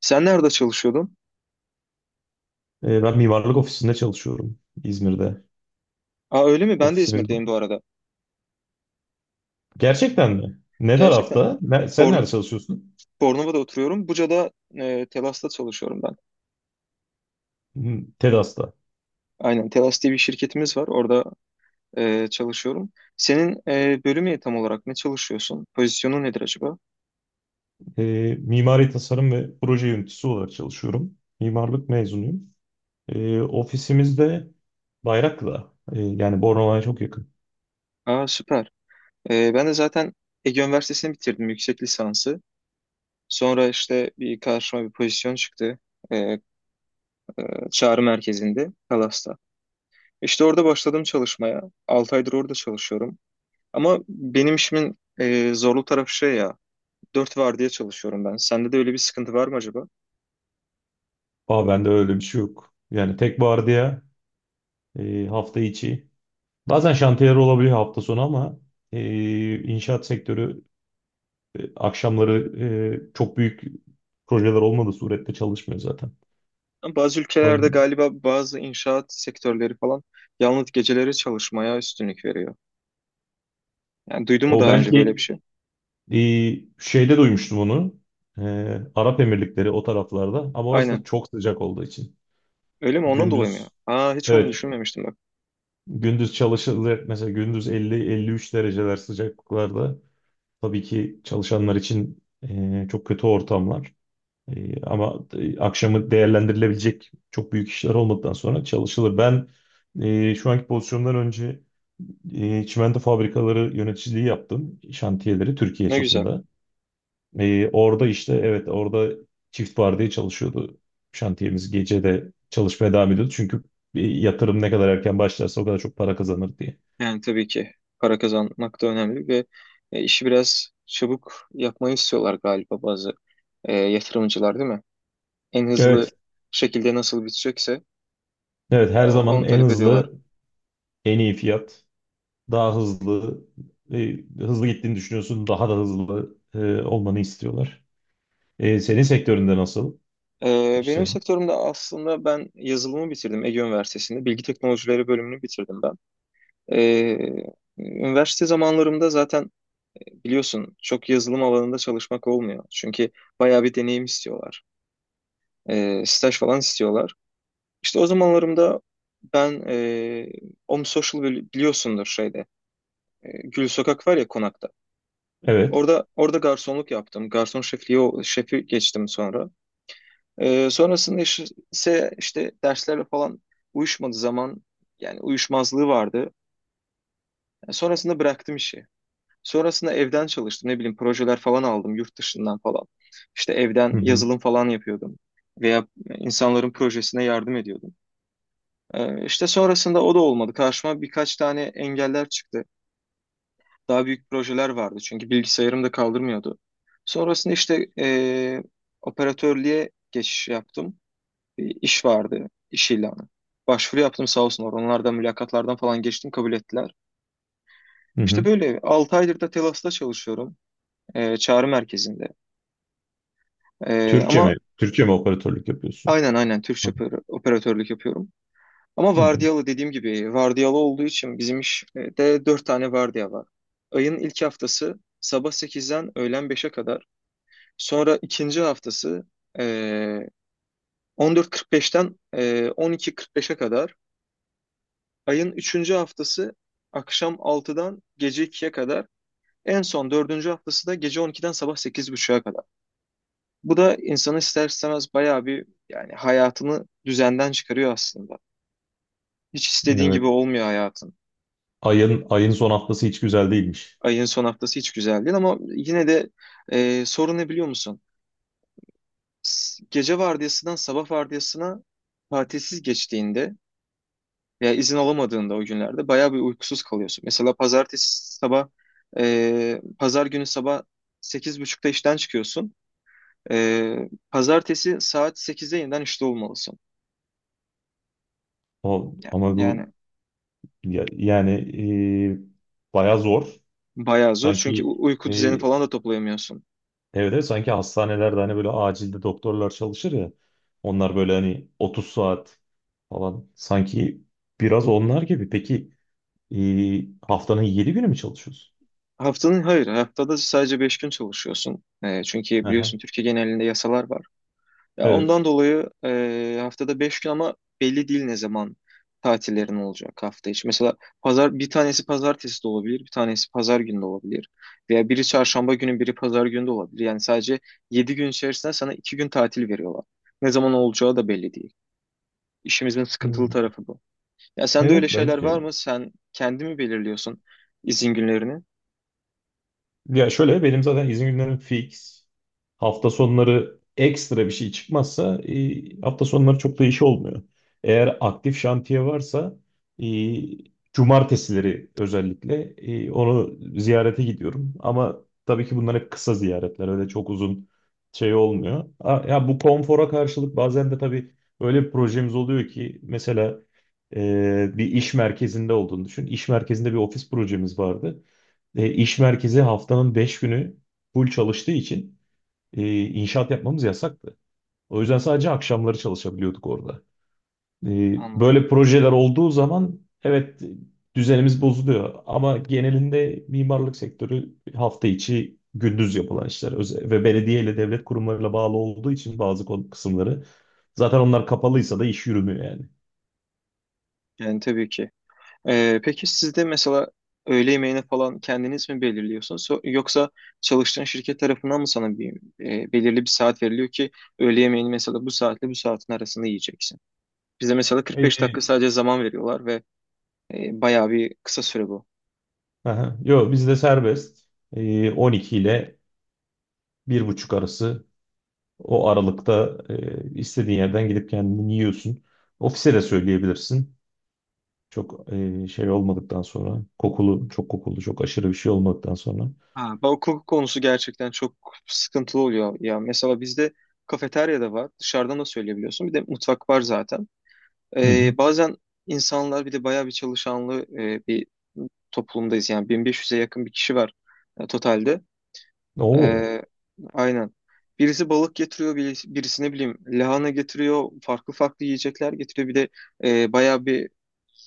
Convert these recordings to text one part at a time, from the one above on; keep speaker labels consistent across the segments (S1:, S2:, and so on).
S1: Sen nerede çalışıyordun?
S2: Ben mimarlık ofisinde çalışıyorum İzmir'de.
S1: Aa öyle mi? Ben de
S2: Ofisimiz var.
S1: İzmir'deyim bu arada.
S2: Gerçekten mi? Ne
S1: Gerçekten.
S2: tarafta? Sen
S1: Borno,
S2: nerede çalışıyorsun?
S1: Bornova'da oturuyorum. Buca'da Telas'ta çalışıyorum ben.
S2: Hı, TEDAS'ta.
S1: Aynen. Telas diye bir şirketimiz var. Orada çalışıyorum. Senin bölümü tam olarak ne çalışıyorsun? Pozisyonu nedir acaba?
S2: Mimari tasarım ve proje yöneticisi olarak çalışıyorum. Mimarlık mezunuyum. Ofisimiz de Bayraklı'da. Yani Bornova'ya çok yakın.
S1: Aa süper. Ben de zaten Ege Üniversitesi'ni bitirdim. Yüksek lisansı. Sonra işte bir karşıma bir pozisyon çıktı. E, e, çağrı merkezinde. Telas'ta. İşte orada başladım çalışmaya. 6 aydır orada çalışıyorum. Ama benim işimin zorlu tarafı şey ya, dört vardiya çalışıyorum ben. Sende de öyle bir sıkıntı var mı acaba?
S2: Aa, bende öyle bir şey yok. Yani tek vardiya hafta içi. Bazen şantiyeler olabiliyor hafta sonu ama inşaat sektörü akşamları çok büyük projeler olmadığı surette çalışmıyor zaten.
S1: Ama bazı
S2: O,
S1: ülkelerde galiba bazı inşaat sektörleri falan yalnız geceleri çalışmaya üstünlük veriyor. Yani duydun mu
S2: o
S1: daha önce böyle bir
S2: belki
S1: şey?
S2: e, şeyde duymuştum onu. E, Arap Emirlikleri o taraflarda ama orası da
S1: Aynen.
S2: çok sıcak olduğu için.
S1: Öyle mi? Ondan dolayı mı ya?
S2: Gündüz
S1: Aa hiç onu
S2: evet
S1: düşünmemiştim bak.
S2: gündüz çalışılır, mesela gündüz 50-53 dereceler sıcaklıklarda tabii ki çalışanlar için çok kötü ortamlar. Ama akşamı değerlendirilebilecek çok büyük işler olmadıktan sonra çalışılır. Ben şu anki pozisyondan önce çimento fabrikaları yöneticiliği yaptım. Şantiyeleri Türkiye
S1: Ne güzel.
S2: çapında. Orada işte evet orada çift vardiya çalışıyordu. Şantiyemiz gece de çalışmaya devam ediyordu. Çünkü yatırım ne kadar erken başlarsa o kadar çok para kazanır diye.
S1: Yani tabii ki para kazanmak da önemli ve işi biraz çabuk yapmayı istiyorlar galiba bazı yatırımcılar değil mi? En hızlı
S2: Evet,
S1: şekilde nasıl bitecekse
S2: evet,
S1: ya,
S2: her zaman
S1: onu
S2: en
S1: talep ediyorlar.
S2: hızlı, en iyi fiyat, daha hızlı, e, hızlı gittiğini düşünüyorsun, daha da hızlı olmanı istiyorlar. Senin sektöründe nasıl
S1: Benim
S2: işlerin?
S1: sektörümde aslında ben yazılımı bitirdim Ege Üniversitesi'nde. Bilgi teknolojileri bölümünü bitirdim ben. Ee, üniversite zamanlarımda zaten biliyorsun çok yazılım alanında çalışmak olmuyor. Çünkü bayağı bir deneyim istiyorlar. Staj falan istiyorlar. İşte o zamanlarımda ben Om Social biliyorsundur şeyde. Gül Sokak var ya konakta.
S2: Evet.
S1: Orada garsonluk yaptım. Garson şefliği şefi geçtim sonra. Sonrasında iş- ise işte derslerle falan uyuşmadığı zaman yani uyuşmazlığı vardı. Yani sonrasında bıraktım işi. Sonrasında evden çalıştım. Ne bileyim projeler falan aldım yurt dışından falan. İşte evden
S2: Hı hı.
S1: yazılım falan yapıyordum. Veya insanların projesine yardım ediyordum. İşte sonrasında o da olmadı. Karşıma birkaç tane engeller çıktı. Daha büyük projeler vardı çünkü bilgisayarım da kaldırmıyordu. Sonrasında işte operatörlüğe geçiş yaptım. Bir iş vardı, iş ilanı. Başvuru yaptım sağ olsunlar. Onlardan mülakatlardan falan geçtim kabul ettiler.
S2: Hı
S1: İşte
S2: hı.
S1: böyle 6 aydır da Telas'ta çalışıyorum. E, çağrı merkezinde. E,
S2: Türkçe
S1: ama
S2: mi? Türkçe mi operatörlük yapıyorsun?
S1: aynen aynen Türkçe
S2: Hı
S1: operatörlük yapıyorum. Ama
S2: hı.
S1: vardiyalı dediğim gibi vardiyalı olduğu için bizim işte 4 tane vardiya var. Ayın ilk haftası sabah sekizden öğlen beşe kadar. Sonra ikinci haftası e, 14.45'ten 12.45'e kadar. Ayın üçüncü haftası akşam altıdan gece ikiye kadar. En son dördüncü haftası da gece on iki'den sabah 8.30'a kadar. Bu da insanı ister istemez bayağı bir yani hayatını düzenden çıkarıyor aslında. Hiç istediğin gibi
S2: Evet.
S1: olmuyor hayatın.
S2: Ayın son haftası hiç güzel değilmiş.
S1: Ayın son haftası hiç güzel değil ama yine de sorun ne biliyor musun? Gece vardiyasından sabah vardiyasına tatilsiz geçtiğinde veya izin alamadığında o günlerde bayağı bir uykusuz kalıyorsun. Mesela pazartesi sabah pazar günü sabah 8.30'da işten çıkıyorsun. E, pazartesi saat sekizde yeniden işte olmalısın.
S2: O ama bu
S1: Yani,
S2: yani bayağı zor.
S1: bayağı zor çünkü
S2: Sanki
S1: uyku düzeni
S2: e,
S1: falan da toplayamıyorsun.
S2: evet, evet, sanki hastanelerde, hani böyle acilde doktorlar çalışır ya. Onlar böyle hani 30 saat falan, sanki biraz onlar gibi. Peki e, haftanın 7 günü mü çalışıyorsun?
S1: Haftanın hayır haftada sadece 5 gün çalışıyorsun. E, çünkü
S2: Aha,
S1: biliyorsun Türkiye genelinde yasalar var. Ya
S2: evet.
S1: ondan dolayı haftada 5 gün ama belli değil ne zaman tatillerin olacak hafta içi. Mesela pazar bir tanesi pazartesi de olabilir, bir tanesi pazar günü de olabilir. Veya biri çarşamba günü, biri pazar günü de olabilir. Yani sadece 7 gün içerisinde sana 2 gün tatil veriyorlar. Ne zaman olacağı da belli değil. İşimizin
S2: Hı.
S1: sıkıntılı tarafı bu. Ya sende öyle
S2: Evet,
S1: şeyler
S2: bence
S1: var
S2: de.
S1: mı? Sen kendi mi belirliyorsun izin günlerini?
S2: Ya şöyle, benim zaten izin günlerim fix. Hafta sonları ekstra bir şey çıkmazsa hafta sonları çok da iş olmuyor. Eğer aktif şantiye varsa e, cumartesileri özellikle onu ziyarete gidiyorum. Ama tabii ki bunlar hep kısa ziyaretler, öyle çok uzun şey olmuyor. Ya, bu konfora karşılık bazen de tabii öyle bir projemiz oluyor ki, mesela bir iş merkezinde olduğunu düşün. İş merkezinde bir ofis projemiz vardı. İş merkezi haftanın 5 günü full çalıştığı için inşaat yapmamız yasaktı. O yüzden sadece akşamları çalışabiliyorduk orada.
S1: Anladım.
S2: Böyle projeler olduğu zaman evet düzenimiz bozuluyor, ama genelinde mimarlık sektörü hafta içi gündüz yapılan işler, ve belediye ile devlet kurumlarıyla bağlı olduğu için bazı kısımları zaten onlar kapalıysa da iş yürümüyor yani.
S1: Yani tabii ki. Peki siz de mesela öğle yemeğini falan kendiniz mi belirliyorsunuz yoksa çalıştığın şirket tarafından mı sana bir belirli bir saat veriliyor ki öğle yemeğini mesela bu saatle bu saatin arasında yiyeceksin? Bize mesela 45 dakika
S2: Ee,
S1: sadece zaman veriyorlar ve bayağı bir kısa süre bu.
S2: aha, yo, bizde serbest. 12 ile bir buçuk arası. O aralıkta istediğin yerden gidip kendini yiyorsun. Ofise de söyleyebilirsin. Çok şey olmadıktan sonra, kokulu, çok kokulu, çok aşırı bir şey olmadıktan sonra.
S1: Ha, bu hukuk konusu gerçekten çok sıkıntılı oluyor ya. Mesela bizde kafeterya da var, dışarıdan da söyleyebiliyorsun. Bir de mutfak var zaten.
S2: Hı hı.
S1: Bazen insanlar bir de bayağı bir çalışanlı bir toplumdayız. Yani 1.500'e yakın bir kişi var totalde.
S2: Oo.
S1: Ee, aynen. Birisi balık getiriyor, birisi ne bileyim lahana getiriyor, farklı farklı yiyecekler getiriyor. Bir de bayağı bir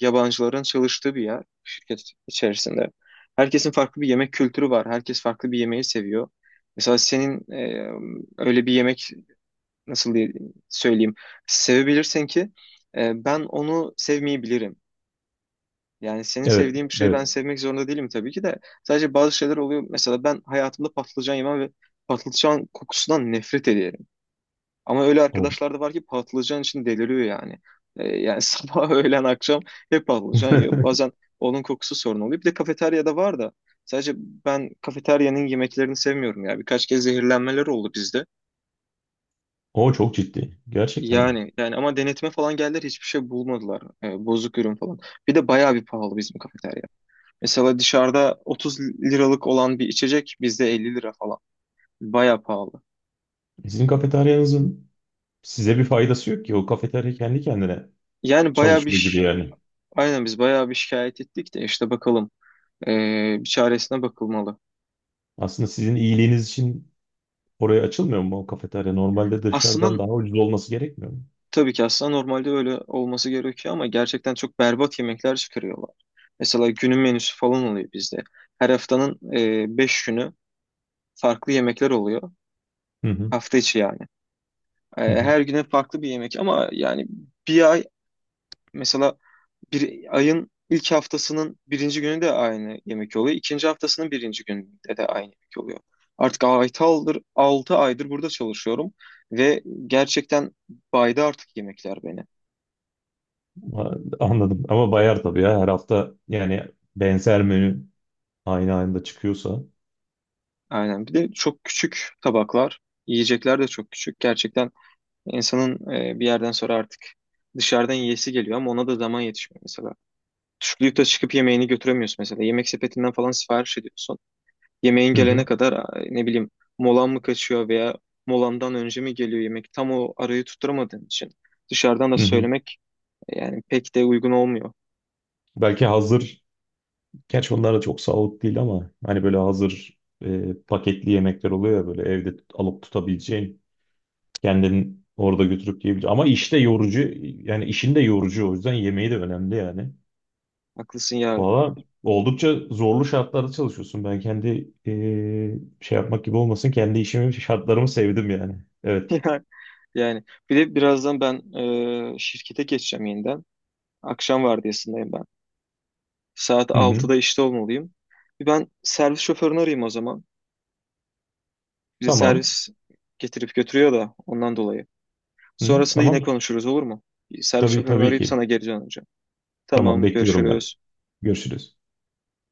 S1: yabancıların çalıştığı bir yer şirket içerisinde. Herkesin farklı bir yemek kültürü var. Herkes farklı bir yemeği seviyor. Mesela senin öyle bir yemek nasıl diye söyleyeyim sevebilirsin ki ben onu sevmeyebilirim. Yani senin
S2: Evet,
S1: sevdiğin bir şeyi ben
S2: evet.
S1: sevmek zorunda değilim tabii ki de sadece bazı şeyler oluyor. Mesela ben hayatımda patlıcan yemem ve patlıcan kokusundan nefret ederim. Ama öyle
S2: O.
S1: arkadaşlar da var ki patlıcan için deliriyor yani. Yani sabah, öğlen, akşam hep patlıcan yiyor. Bazen onun kokusu sorun oluyor. Bir de kafeteryada var da sadece ben kafeteryanın yemeklerini sevmiyorum ya. Birkaç kez zehirlenmeler oldu bizde.
S2: O çok ciddi. Gerçekten mi?
S1: Yani ama denetime falan geldiler hiçbir şey bulmadılar. Bozuk ürün falan. Bir de bayağı bir pahalı bizim kafeterya. Mesela dışarıda 30 liralık olan bir içecek bizde 50 lira falan. Bayağı pahalı.
S2: Sizin kafeteryanızın size bir faydası yok ki. O kafeterya kendi kendine
S1: Yani bayağı bir
S2: çalışıyor gibi
S1: ş-
S2: yani.
S1: aynen, biz bayağı bir şikayet ettik de işte bakalım bir çaresine bakılmalı.
S2: Aslında sizin iyiliğiniz için oraya açılmıyor mu o kafeterya? Normalde dışarıdan
S1: Aslında
S2: daha ucuz olması gerekmiyor mu?
S1: tabii ki, normalde öyle olması gerekiyor ama gerçekten çok berbat yemekler çıkarıyorlar. Mesela günün menüsü falan oluyor bizde. Her haftanın 5 günü farklı yemekler oluyor.
S2: Hı hı.
S1: Hafta içi yani. E,
S2: Hı hı.
S1: her güne farklı bir yemek ama yani bir ay mesela bir ayın ilk haftasının birinci günü de aynı yemek oluyor. İkinci haftasının birinci gününde de aynı yemek oluyor. Artık 6 aydır burada çalışıyorum ve gerçekten baydı artık yemekler beni.
S2: Ha, anladım. Ama bayar tabii ya. Her hafta yani benzer menü aynı anda çıkıyorsa.
S1: Aynen. Bir de çok küçük tabaklar, yiyecekler de çok küçük. Gerçekten insanın bir yerden sonra artık dışarıdan yiyesi geliyor ama ona da zaman yetişmiyor mesela. Çocukta çıkıp yemeğini götüremiyorsun mesela. Yemek sepetinden falan sipariş ediyorsun. Yemeğin
S2: Hı
S1: gelene
S2: hı.
S1: kadar ne bileyim molan mı kaçıyor veya molandan önce mi geliyor yemek? Tam o arayı tutturamadığın için dışarıdan da
S2: Hı hı.
S1: söylemek yani pek de uygun olmuyor.
S2: Belki hazır, gerçi onlar da çok sağlıklı değil ama, hani böyle hazır paketli yemekler oluyor ya, böyle evde alıp tutabileceğin, kendin orada götürüp yiyebileceğin. Ama işte yorucu, yani işin de yorucu, o yüzden yemeği de önemli yani.
S1: Haklısın ya.
S2: Valla oldukça zorlu şartlarda çalışıyorsun. Ben kendi şey yapmak gibi olmasın, kendi işimi, şartlarımı sevdim yani. Evet.
S1: Yani bir de birazdan ben şirkete geçeceğim yeniden. Akşam vardiyasındayım ben. Saat
S2: Hı hı.
S1: altıda işte olmalıyım. Bir ben servis şoförünü arayayım o zaman. Bizi
S2: Tamam.
S1: servis getirip götürüyor da ondan dolayı.
S2: Hı,
S1: Sonrasında yine
S2: tamam.
S1: konuşuruz olur mu? Bir servis
S2: Tabii,
S1: şoförünü
S2: tabii
S1: arayıp
S2: ki.
S1: sana geri döneceğim.
S2: Tamam,
S1: Tamam
S2: bekliyorum ben.
S1: görüşürüz.
S2: Görüşürüz.